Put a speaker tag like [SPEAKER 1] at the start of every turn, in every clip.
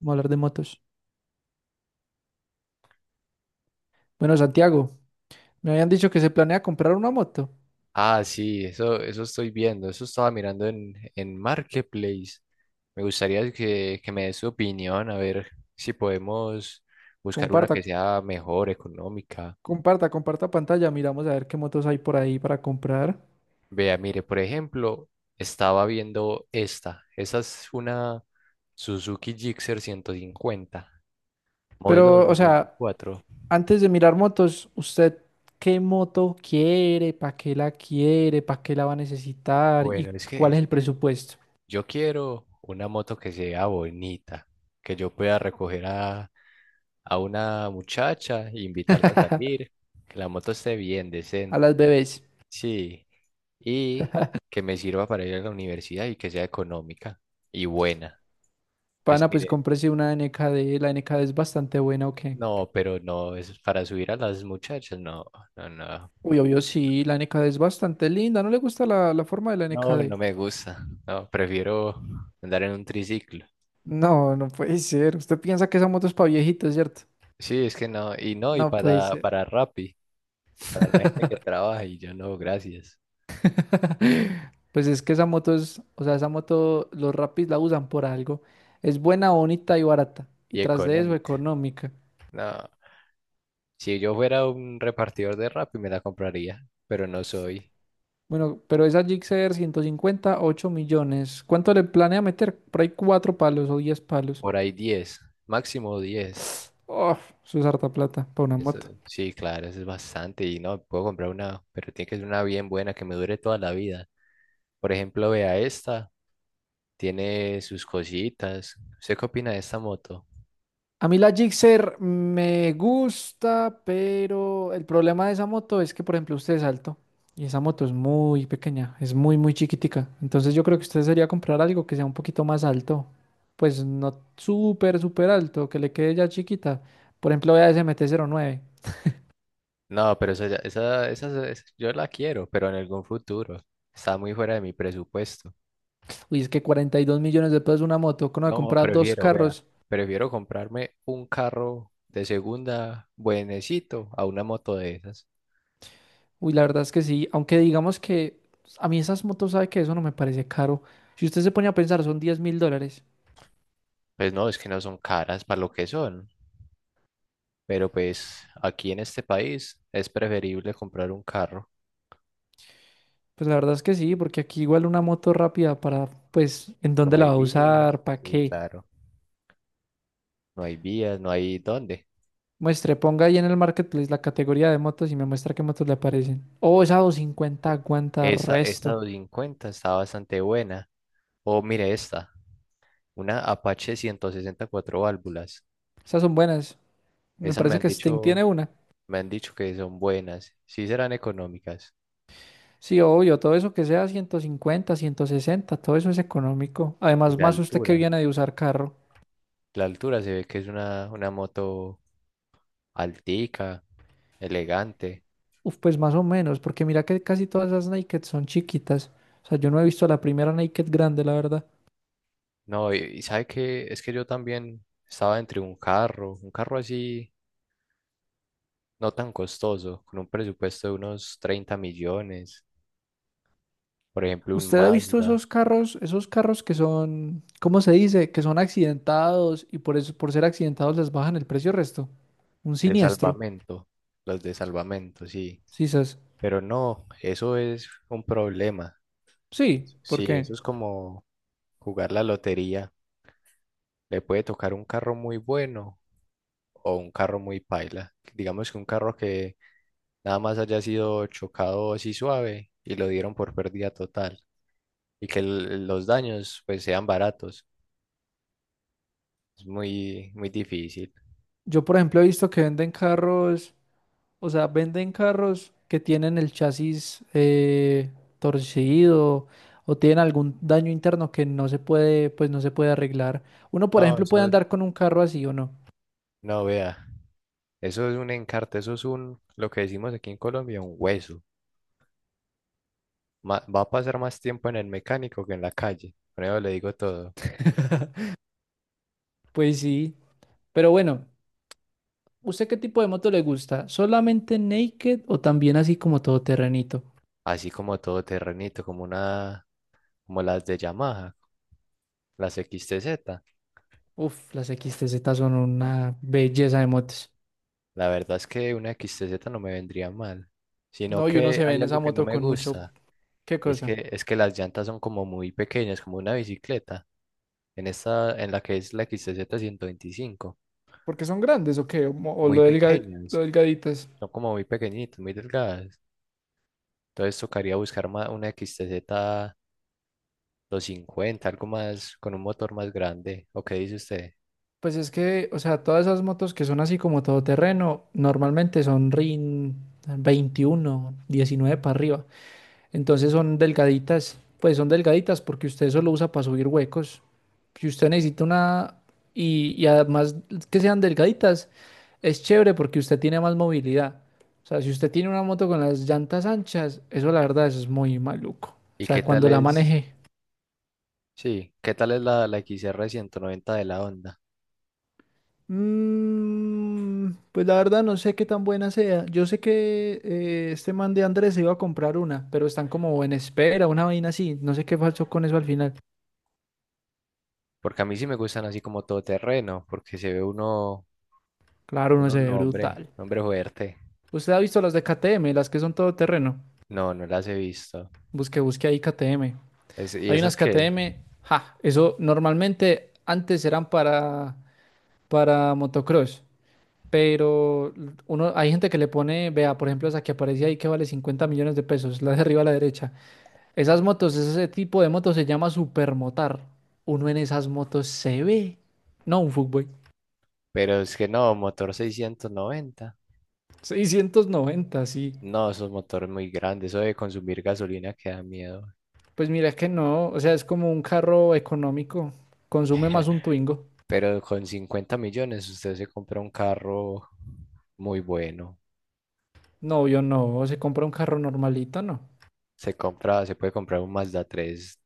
[SPEAKER 1] Vamos a hablar de motos. Bueno, Santiago, me habían dicho que se planea comprar una moto.
[SPEAKER 2] Ah, sí, eso estoy viendo, eso estaba mirando en Marketplace. Me gustaría que me des tu opinión, a ver si podemos buscar una
[SPEAKER 1] Comparta,
[SPEAKER 2] que sea mejor, económica.
[SPEAKER 1] comparta, comparta pantalla. Miramos a ver qué motos hay por ahí para comprar.
[SPEAKER 2] Vea, mire, por ejemplo, estaba viendo esta. Esa es una Suzuki Gixxer 150 modelo dos
[SPEAKER 1] Pero, o
[SPEAKER 2] mil
[SPEAKER 1] sea,
[SPEAKER 2] veinticuatro.
[SPEAKER 1] antes de mirar motos, ¿usted qué moto quiere? ¿Para qué la quiere? ¿Para qué la va a necesitar? ¿Y
[SPEAKER 2] Bueno,
[SPEAKER 1] cuál es
[SPEAKER 2] es
[SPEAKER 1] el
[SPEAKER 2] que
[SPEAKER 1] presupuesto?
[SPEAKER 2] yo quiero una moto que sea bonita, que yo pueda recoger a una muchacha e invitarla a salir, que la moto esté bien,
[SPEAKER 1] A
[SPEAKER 2] decente,
[SPEAKER 1] las bebés.
[SPEAKER 2] sí, y que me sirva para ir a la universidad y que sea económica y buena. Pues
[SPEAKER 1] Pana, pues
[SPEAKER 2] mire,
[SPEAKER 1] cómprese una N K D. La N K D es bastante buena, ¿o qué?
[SPEAKER 2] no, pero no, es para subir a las muchachas, no, no, no,
[SPEAKER 1] Uy, obvio, sí, la N K D es bastante linda. ¿No le gusta la forma de la N
[SPEAKER 2] no,
[SPEAKER 1] K
[SPEAKER 2] no
[SPEAKER 1] D?
[SPEAKER 2] me gusta, no, prefiero andar en un triciclo.
[SPEAKER 1] No, no puede ser. Usted piensa que esa moto es para viejitos, ¿cierto?
[SPEAKER 2] Sí, es que no, y no, y
[SPEAKER 1] No puede ser.
[SPEAKER 2] para Rappi, para la gente que trabaja y yo no, gracias.
[SPEAKER 1] Pues es que esa moto es, o sea, esa moto los rapis la usan por algo. Es buena, bonita y barata. Y
[SPEAKER 2] Y
[SPEAKER 1] tras de eso,
[SPEAKER 2] económica.
[SPEAKER 1] económica.
[SPEAKER 2] No, si yo fuera un repartidor de Rappi, me la compraría, pero no soy.
[SPEAKER 1] Bueno, pero esa Gixxer 150, 8 millones. ¿Cuánto le planea meter? Por ahí 4 palos o 10 palos.
[SPEAKER 2] Por ahí 10, máximo 10.
[SPEAKER 1] Oh, eso es harta plata para una
[SPEAKER 2] Eso,
[SPEAKER 1] moto.
[SPEAKER 2] sí, claro, eso es bastante. Y no, puedo comprar una, pero tiene que ser una bien buena que me dure toda la vida. Por ejemplo, vea esta, tiene sus cositas. ¿Usted qué opina de esta moto?
[SPEAKER 1] A mí la Gixxer me gusta, pero el problema de esa moto es que, por ejemplo, usted es alto y esa moto es muy pequeña, es muy, muy chiquitica. Entonces yo creo que usted sería comprar algo que sea un poquito más alto, pues no súper, súper alto, que le quede ya chiquita. Por ejemplo, vea ese MT-09.
[SPEAKER 2] No, pero esa, ya- esa- yo la quiero, pero en algún futuro. Está muy fuera de mi presupuesto.
[SPEAKER 1] Uy, es que 42 millones de pesos una moto, que uno de
[SPEAKER 2] No,
[SPEAKER 1] comprar dos
[SPEAKER 2] prefiero, vea,
[SPEAKER 1] carros.
[SPEAKER 2] prefiero comprarme un carro de segunda buenecito a una moto de esas.
[SPEAKER 1] Uy, la verdad es que sí, aunque digamos que a mí esas motos, sabe que eso no me parece caro. Si usted se pone a pensar, son 10.000 dólares.
[SPEAKER 2] Pues no, es que no son caras para lo que son, pero pues aquí en este país es preferible comprar un carro.
[SPEAKER 1] Pues la verdad es que sí, porque aquí igual una moto rápida para, pues, en
[SPEAKER 2] No
[SPEAKER 1] dónde la
[SPEAKER 2] hay
[SPEAKER 1] va a
[SPEAKER 2] vías,
[SPEAKER 1] usar, para
[SPEAKER 2] sí,
[SPEAKER 1] qué.
[SPEAKER 2] claro, no hay vías, no hay dónde.
[SPEAKER 1] Muestre, ponga ahí en el marketplace la categoría de motos y me muestra qué motos le aparecen. Oh, esa 250 aguanta
[SPEAKER 2] Esa
[SPEAKER 1] resto.
[SPEAKER 2] 250 está bastante buena. O mire esta, una Apache 160 y cuatro válvulas.
[SPEAKER 1] Esas son buenas. Me
[SPEAKER 2] Esas me
[SPEAKER 1] parece
[SPEAKER 2] han
[SPEAKER 1] que Sting
[SPEAKER 2] dicho,
[SPEAKER 1] tiene una.
[SPEAKER 2] Me han dicho que son buenas, sí serán económicas.
[SPEAKER 1] Sí, obvio, todo eso que sea 150, 160, todo eso es económico.
[SPEAKER 2] Y
[SPEAKER 1] Además,
[SPEAKER 2] la
[SPEAKER 1] más usted que
[SPEAKER 2] altura.
[SPEAKER 1] viene de usar carro.
[SPEAKER 2] La altura se ve que es una moto altica, elegante.
[SPEAKER 1] Uf, pues más o menos, porque mira que casi todas esas Naked son chiquitas. O sea, yo no he visto la primera Naked grande, la verdad.
[SPEAKER 2] No, y sabe que es que yo también estaba entre un carro así no tan costoso, con un presupuesto de unos 30 millones, por ejemplo, un
[SPEAKER 1] ¿Usted ha visto
[SPEAKER 2] Mazda
[SPEAKER 1] esos carros que son, ¿cómo se dice? Que son accidentados y por eso, por ser accidentados les bajan el precio resto. Un
[SPEAKER 2] de
[SPEAKER 1] siniestro,
[SPEAKER 2] salvamento, los de salvamento, sí.
[SPEAKER 1] sí, sas.
[SPEAKER 2] Pero no, eso es un problema.
[SPEAKER 1] Sí,
[SPEAKER 2] Sí,
[SPEAKER 1] porque
[SPEAKER 2] eso es como jugar la lotería. Le puede tocar un carro muy bueno o un carro muy paila. Digamos que un carro que nada más haya sido chocado así suave y lo dieron por pérdida total y que los daños pues sean baratos. Es muy, muy difícil.
[SPEAKER 1] yo, por ejemplo, he visto que venden carros, o sea, venden carros que tienen el chasis torcido o tienen algún daño interno que no se puede, pues no se puede arreglar. Uno, por
[SPEAKER 2] No,
[SPEAKER 1] ejemplo, puede
[SPEAKER 2] eso es,
[SPEAKER 1] andar con un carro así o no.
[SPEAKER 2] no vea, eso es un encarte, eso es un, lo que decimos aquí en Colombia, un hueso. Va a pasar más tiempo en el mecánico que en la calle. Con eso le digo todo.
[SPEAKER 1] Pues sí, pero bueno. ¿Usted qué tipo de moto le gusta? ¿Solamente naked o también así como todoterrenito?
[SPEAKER 2] Así como todo terrenito, como una, como las de Yamaha, las XTZ.
[SPEAKER 1] Uf, las XTZ son una belleza de motos.
[SPEAKER 2] La verdad es que una XTZ no me vendría mal, sino
[SPEAKER 1] No, y uno
[SPEAKER 2] que
[SPEAKER 1] se ve
[SPEAKER 2] hay
[SPEAKER 1] en esa
[SPEAKER 2] algo que no
[SPEAKER 1] moto
[SPEAKER 2] me
[SPEAKER 1] con mucho...
[SPEAKER 2] gusta.
[SPEAKER 1] ¿Qué cosa?
[SPEAKER 2] Es que las llantas son como muy pequeñas, como una bicicleta, en esta, en la que es la X T Z 125
[SPEAKER 1] ¿Porque son grandes o qué? ¿O, mo- o
[SPEAKER 2] muy
[SPEAKER 1] lo delga- lo
[SPEAKER 2] pequeñas,
[SPEAKER 1] delgaditas?
[SPEAKER 2] son como muy pequeñitas, muy delgadas. Entonces tocaría buscar una XTZ cincuenta algo más, con un motor más grande, ¿o qué dice usted?
[SPEAKER 1] Pues es que, o sea, todas esas motos que son así como todoterreno, normalmente son RIN 21, 19 para arriba. Entonces son delgaditas, pues son delgaditas porque usted solo usa para subir huecos. Si usted necesita una, y además que sean delgaditas, es chévere porque usted tiene más movilidad. O sea, si usted tiene una moto con las llantas anchas, eso la verdad eso es muy maluco. O
[SPEAKER 2] ¿Y qué
[SPEAKER 1] sea,
[SPEAKER 2] tal
[SPEAKER 1] cuando la maneje.
[SPEAKER 2] qué tal es la XR 90 de la Honda?
[SPEAKER 1] Mm, pues la verdad no sé qué tan buena sea. Yo sé que este man de Andrés se iba a comprar una, pero están como en espera, una vaina así. No sé qué pasó con eso al final.
[SPEAKER 2] Porque a mí sí me gustan así como todoterreno, porque se ve
[SPEAKER 1] Claro, no se
[SPEAKER 2] un
[SPEAKER 1] ve brutal.
[SPEAKER 2] un hombre fuerte.
[SPEAKER 1] ¿Usted ha visto las de KTM, las que son todo terreno?
[SPEAKER 2] No, no las he visto.
[SPEAKER 1] Busque, busque ahí KTM.
[SPEAKER 2] ¿Y
[SPEAKER 1] Hay
[SPEAKER 2] esas
[SPEAKER 1] unas
[SPEAKER 2] qué?
[SPEAKER 1] KTM, ja, eso normalmente antes eran para motocross, pero uno, hay gente que le pone, vea, por ejemplo, esa que aparece ahí que vale 50 millones de pesos, la de arriba a la derecha. Esas motos, ese tipo de motos se llama supermotar. Uno en esas motos se ve. No, un fuckboy.
[SPEAKER 2] Pero es que no, motor 690.
[SPEAKER 1] 690, sí.
[SPEAKER 2] No, esos motores muy grandes, eso de consumir gasolina que da miedo.
[SPEAKER 1] Pues mira que no, o sea, es como un carro económico, consume más un Twingo.
[SPEAKER 2] Pero con 50 millones usted se compra un carro muy bueno.
[SPEAKER 1] No, yo no. Se compra un carro normalito, no.
[SPEAKER 2] Se puede comprar un Mazda 3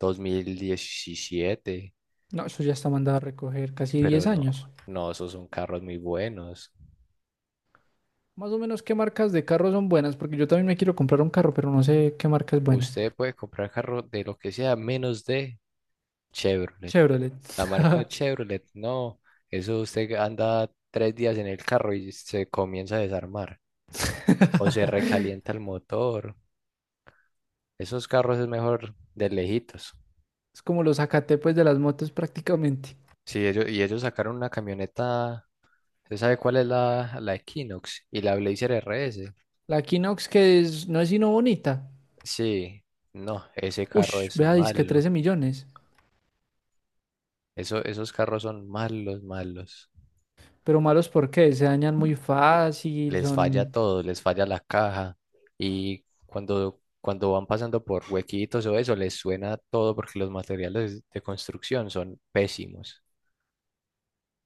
[SPEAKER 2] 2017,
[SPEAKER 1] No, eso ya está mandado a recoger casi
[SPEAKER 2] pero
[SPEAKER 1] 10 años.
[SPEAKER 2] no, esos son carros muy buenos.
[SPEAKER 1] Más o menos, ¿qué marcas de carro son buenas? Porque yo también me quiero comprar un carro, pero no sé qué marca es buena.
[SPEAKER 2] Usted puede comprar carro de lo que sea menos de Chevrolet.
[SPEAKER 1] Chevrolet.
[SPEAKER 2] La marca Chevrolet, no. Eso usted anda tres días en el carro y se comienza a desarmar. O se recalienta el motor. Esos carros es mejor de lejitos.
[SPEAKER 1] Es como los Zacatepes de las motos prácticamente.
[SPEAKER 2] Sí, ellos sacaron una camioneta. ¿Usted sabe cuál es la Equinox? Y la Blazer RS.
[SPEAKER 1] La Equinox que es- no es sino bonita.
[SPEAKER 2] Sí, no, ese carro
[SPEAKER 1] Ush,
[SPEAKER 2] es
[SPEAKER 1] vea, que
[SPEAKER 2] malo.
[SPEAKER 1] 13 millones.
[SPEAKER 2] Eso, esos carros son malos, malos.
[SPEAKER 1] Pero malos porque se dañan muy fácil,
[SPEAKER 2] Les falla
[SPEAKER 1] son...
[SPEAKER 2] todo, les falla la caja y cuando van pasando por huequitos o eso, les suena todo porque los materiales de construcción son pésimos.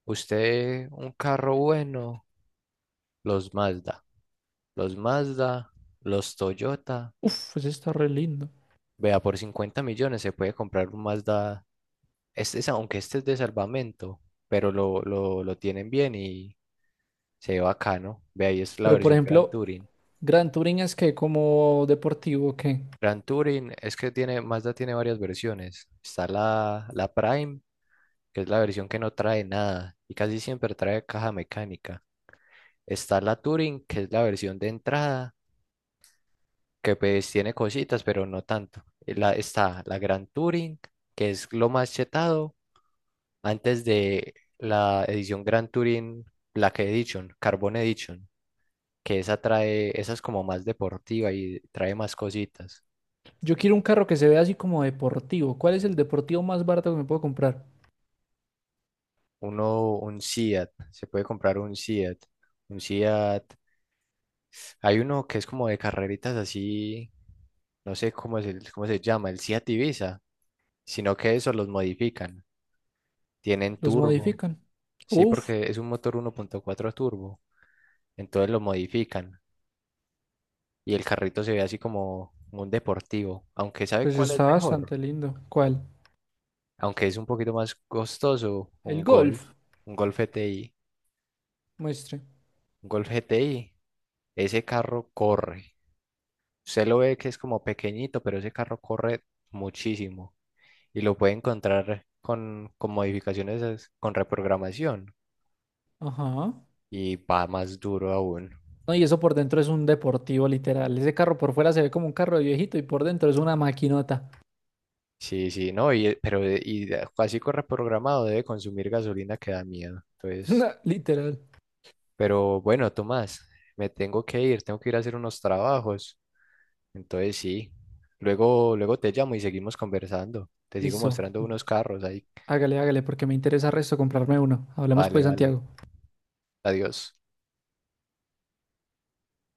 [SPEAKER 2] Usted, un carro bueno, los Mazda, los Mazda, los Toyota,
[SPEAKER 1] Uf, ese está re lindo.
[SPEAKER 2] vea, por 50 millones se puede comprar un Mazda, este es, aunque este es de salvamento, pero lo tienen bien y se ve bacano. Vea, ahí es la
[SPEAKER 1] Pero por
[SPEAKER 2] versión Gran
[SPEAKER 1] ejemplo,
[SPEAKER 2] Touring.
[SPEAKER 1] Gran Touring es que como deportivo, ¿qué?
[SPEAKER 2] Gran Touring es que tiene, Mazda tiene varias versiones. Está la Prime, que es la versión que no trae nada y casi siempre trae caja mecánica. Está la Touring, que es la versión de entrada, que pues tiene cositas, pero no tanto. Y la, está la Gran Touring, que es lo más chetado antes de la edición Gran Touring Black Edition, Carbon Edition, que esa trae, esa es como más deportiva y trae más cositas.
[SPEAKER 1] Yo quiero un carro que se vea así como deportivo. ¿Cuál es el deportivo más barato que me puedo comprar?
[SPEAKER 2] Uno, un Seat, se puede comprar un Seat, hay uno que es como de carreritas así, no sé cómo es cómo se llama, el Seat Ibiza, sino que eso los modifican, tienen
[SPEAKER 1] ¿Los
[SPEAKER 2] turbo,
[SPEAKER 1] modifican?
[SPEAKER 2] sí,
[SPEAKER 1] Uf,
[SPEAKER 2] porque es un motor 1.4 turbo, entonces lo modifican y el carrito se ve así como un deportivo, aunque sabe
[SPEAKER 1] pues
[SPEAKER 2] cuál es
[SPEAKER 1] está
[SPEAKER 2] mejor,
[SPEAKER 1] bastante lindo. ¿Cuál?
[SPEAKER 2] aunque es un poquito más costoso,
[SPEAKER 1] El Golf.
[SPEAKER 2] Un Golf GTI,
[SPEAKER 1] Muestre.
[SPEAKER 2] un Golf GTI, ese carro corre. Usted lo ve que es como pequeñito, pero ese carro corre muchísimo y lo puede encontrar con modificaciones, con reprogramación
[SPEAKER 1] Ajá.
[SPEAKER 2] y va más duro aún.
[SPEAKER 1] No, y eso por dentro es un deportivo, literal. Ese carro por fuera se ve como un carro de viejito y por dentro es una maquinota.
[SPEAKER 2] Sí, no, así con reprogramado debe consumir gasolina que da miedo. Entonces,
[SPEAKER 1] No, literal.
[SPEAKER 2] pero bueno, Tomás, me tengo que ir a hacer unos trabajos. Entonces, sí, luego te llamo y seguimos conversando. Te sigo
[SPEAKER 1] Listo.
[SPEAKER 2] mostrando unos carros ahí.
[SPEAKER 1] Hágale, hágale, porque me interesa resto comprarme uno. Hablemos
[SPEAKER 2] Vale,
[SPEAKER 1] pues,
[SPEAKER 2] vale.
[SPEAKER 1] Santiago.
[SPEAKER 2] Adiós.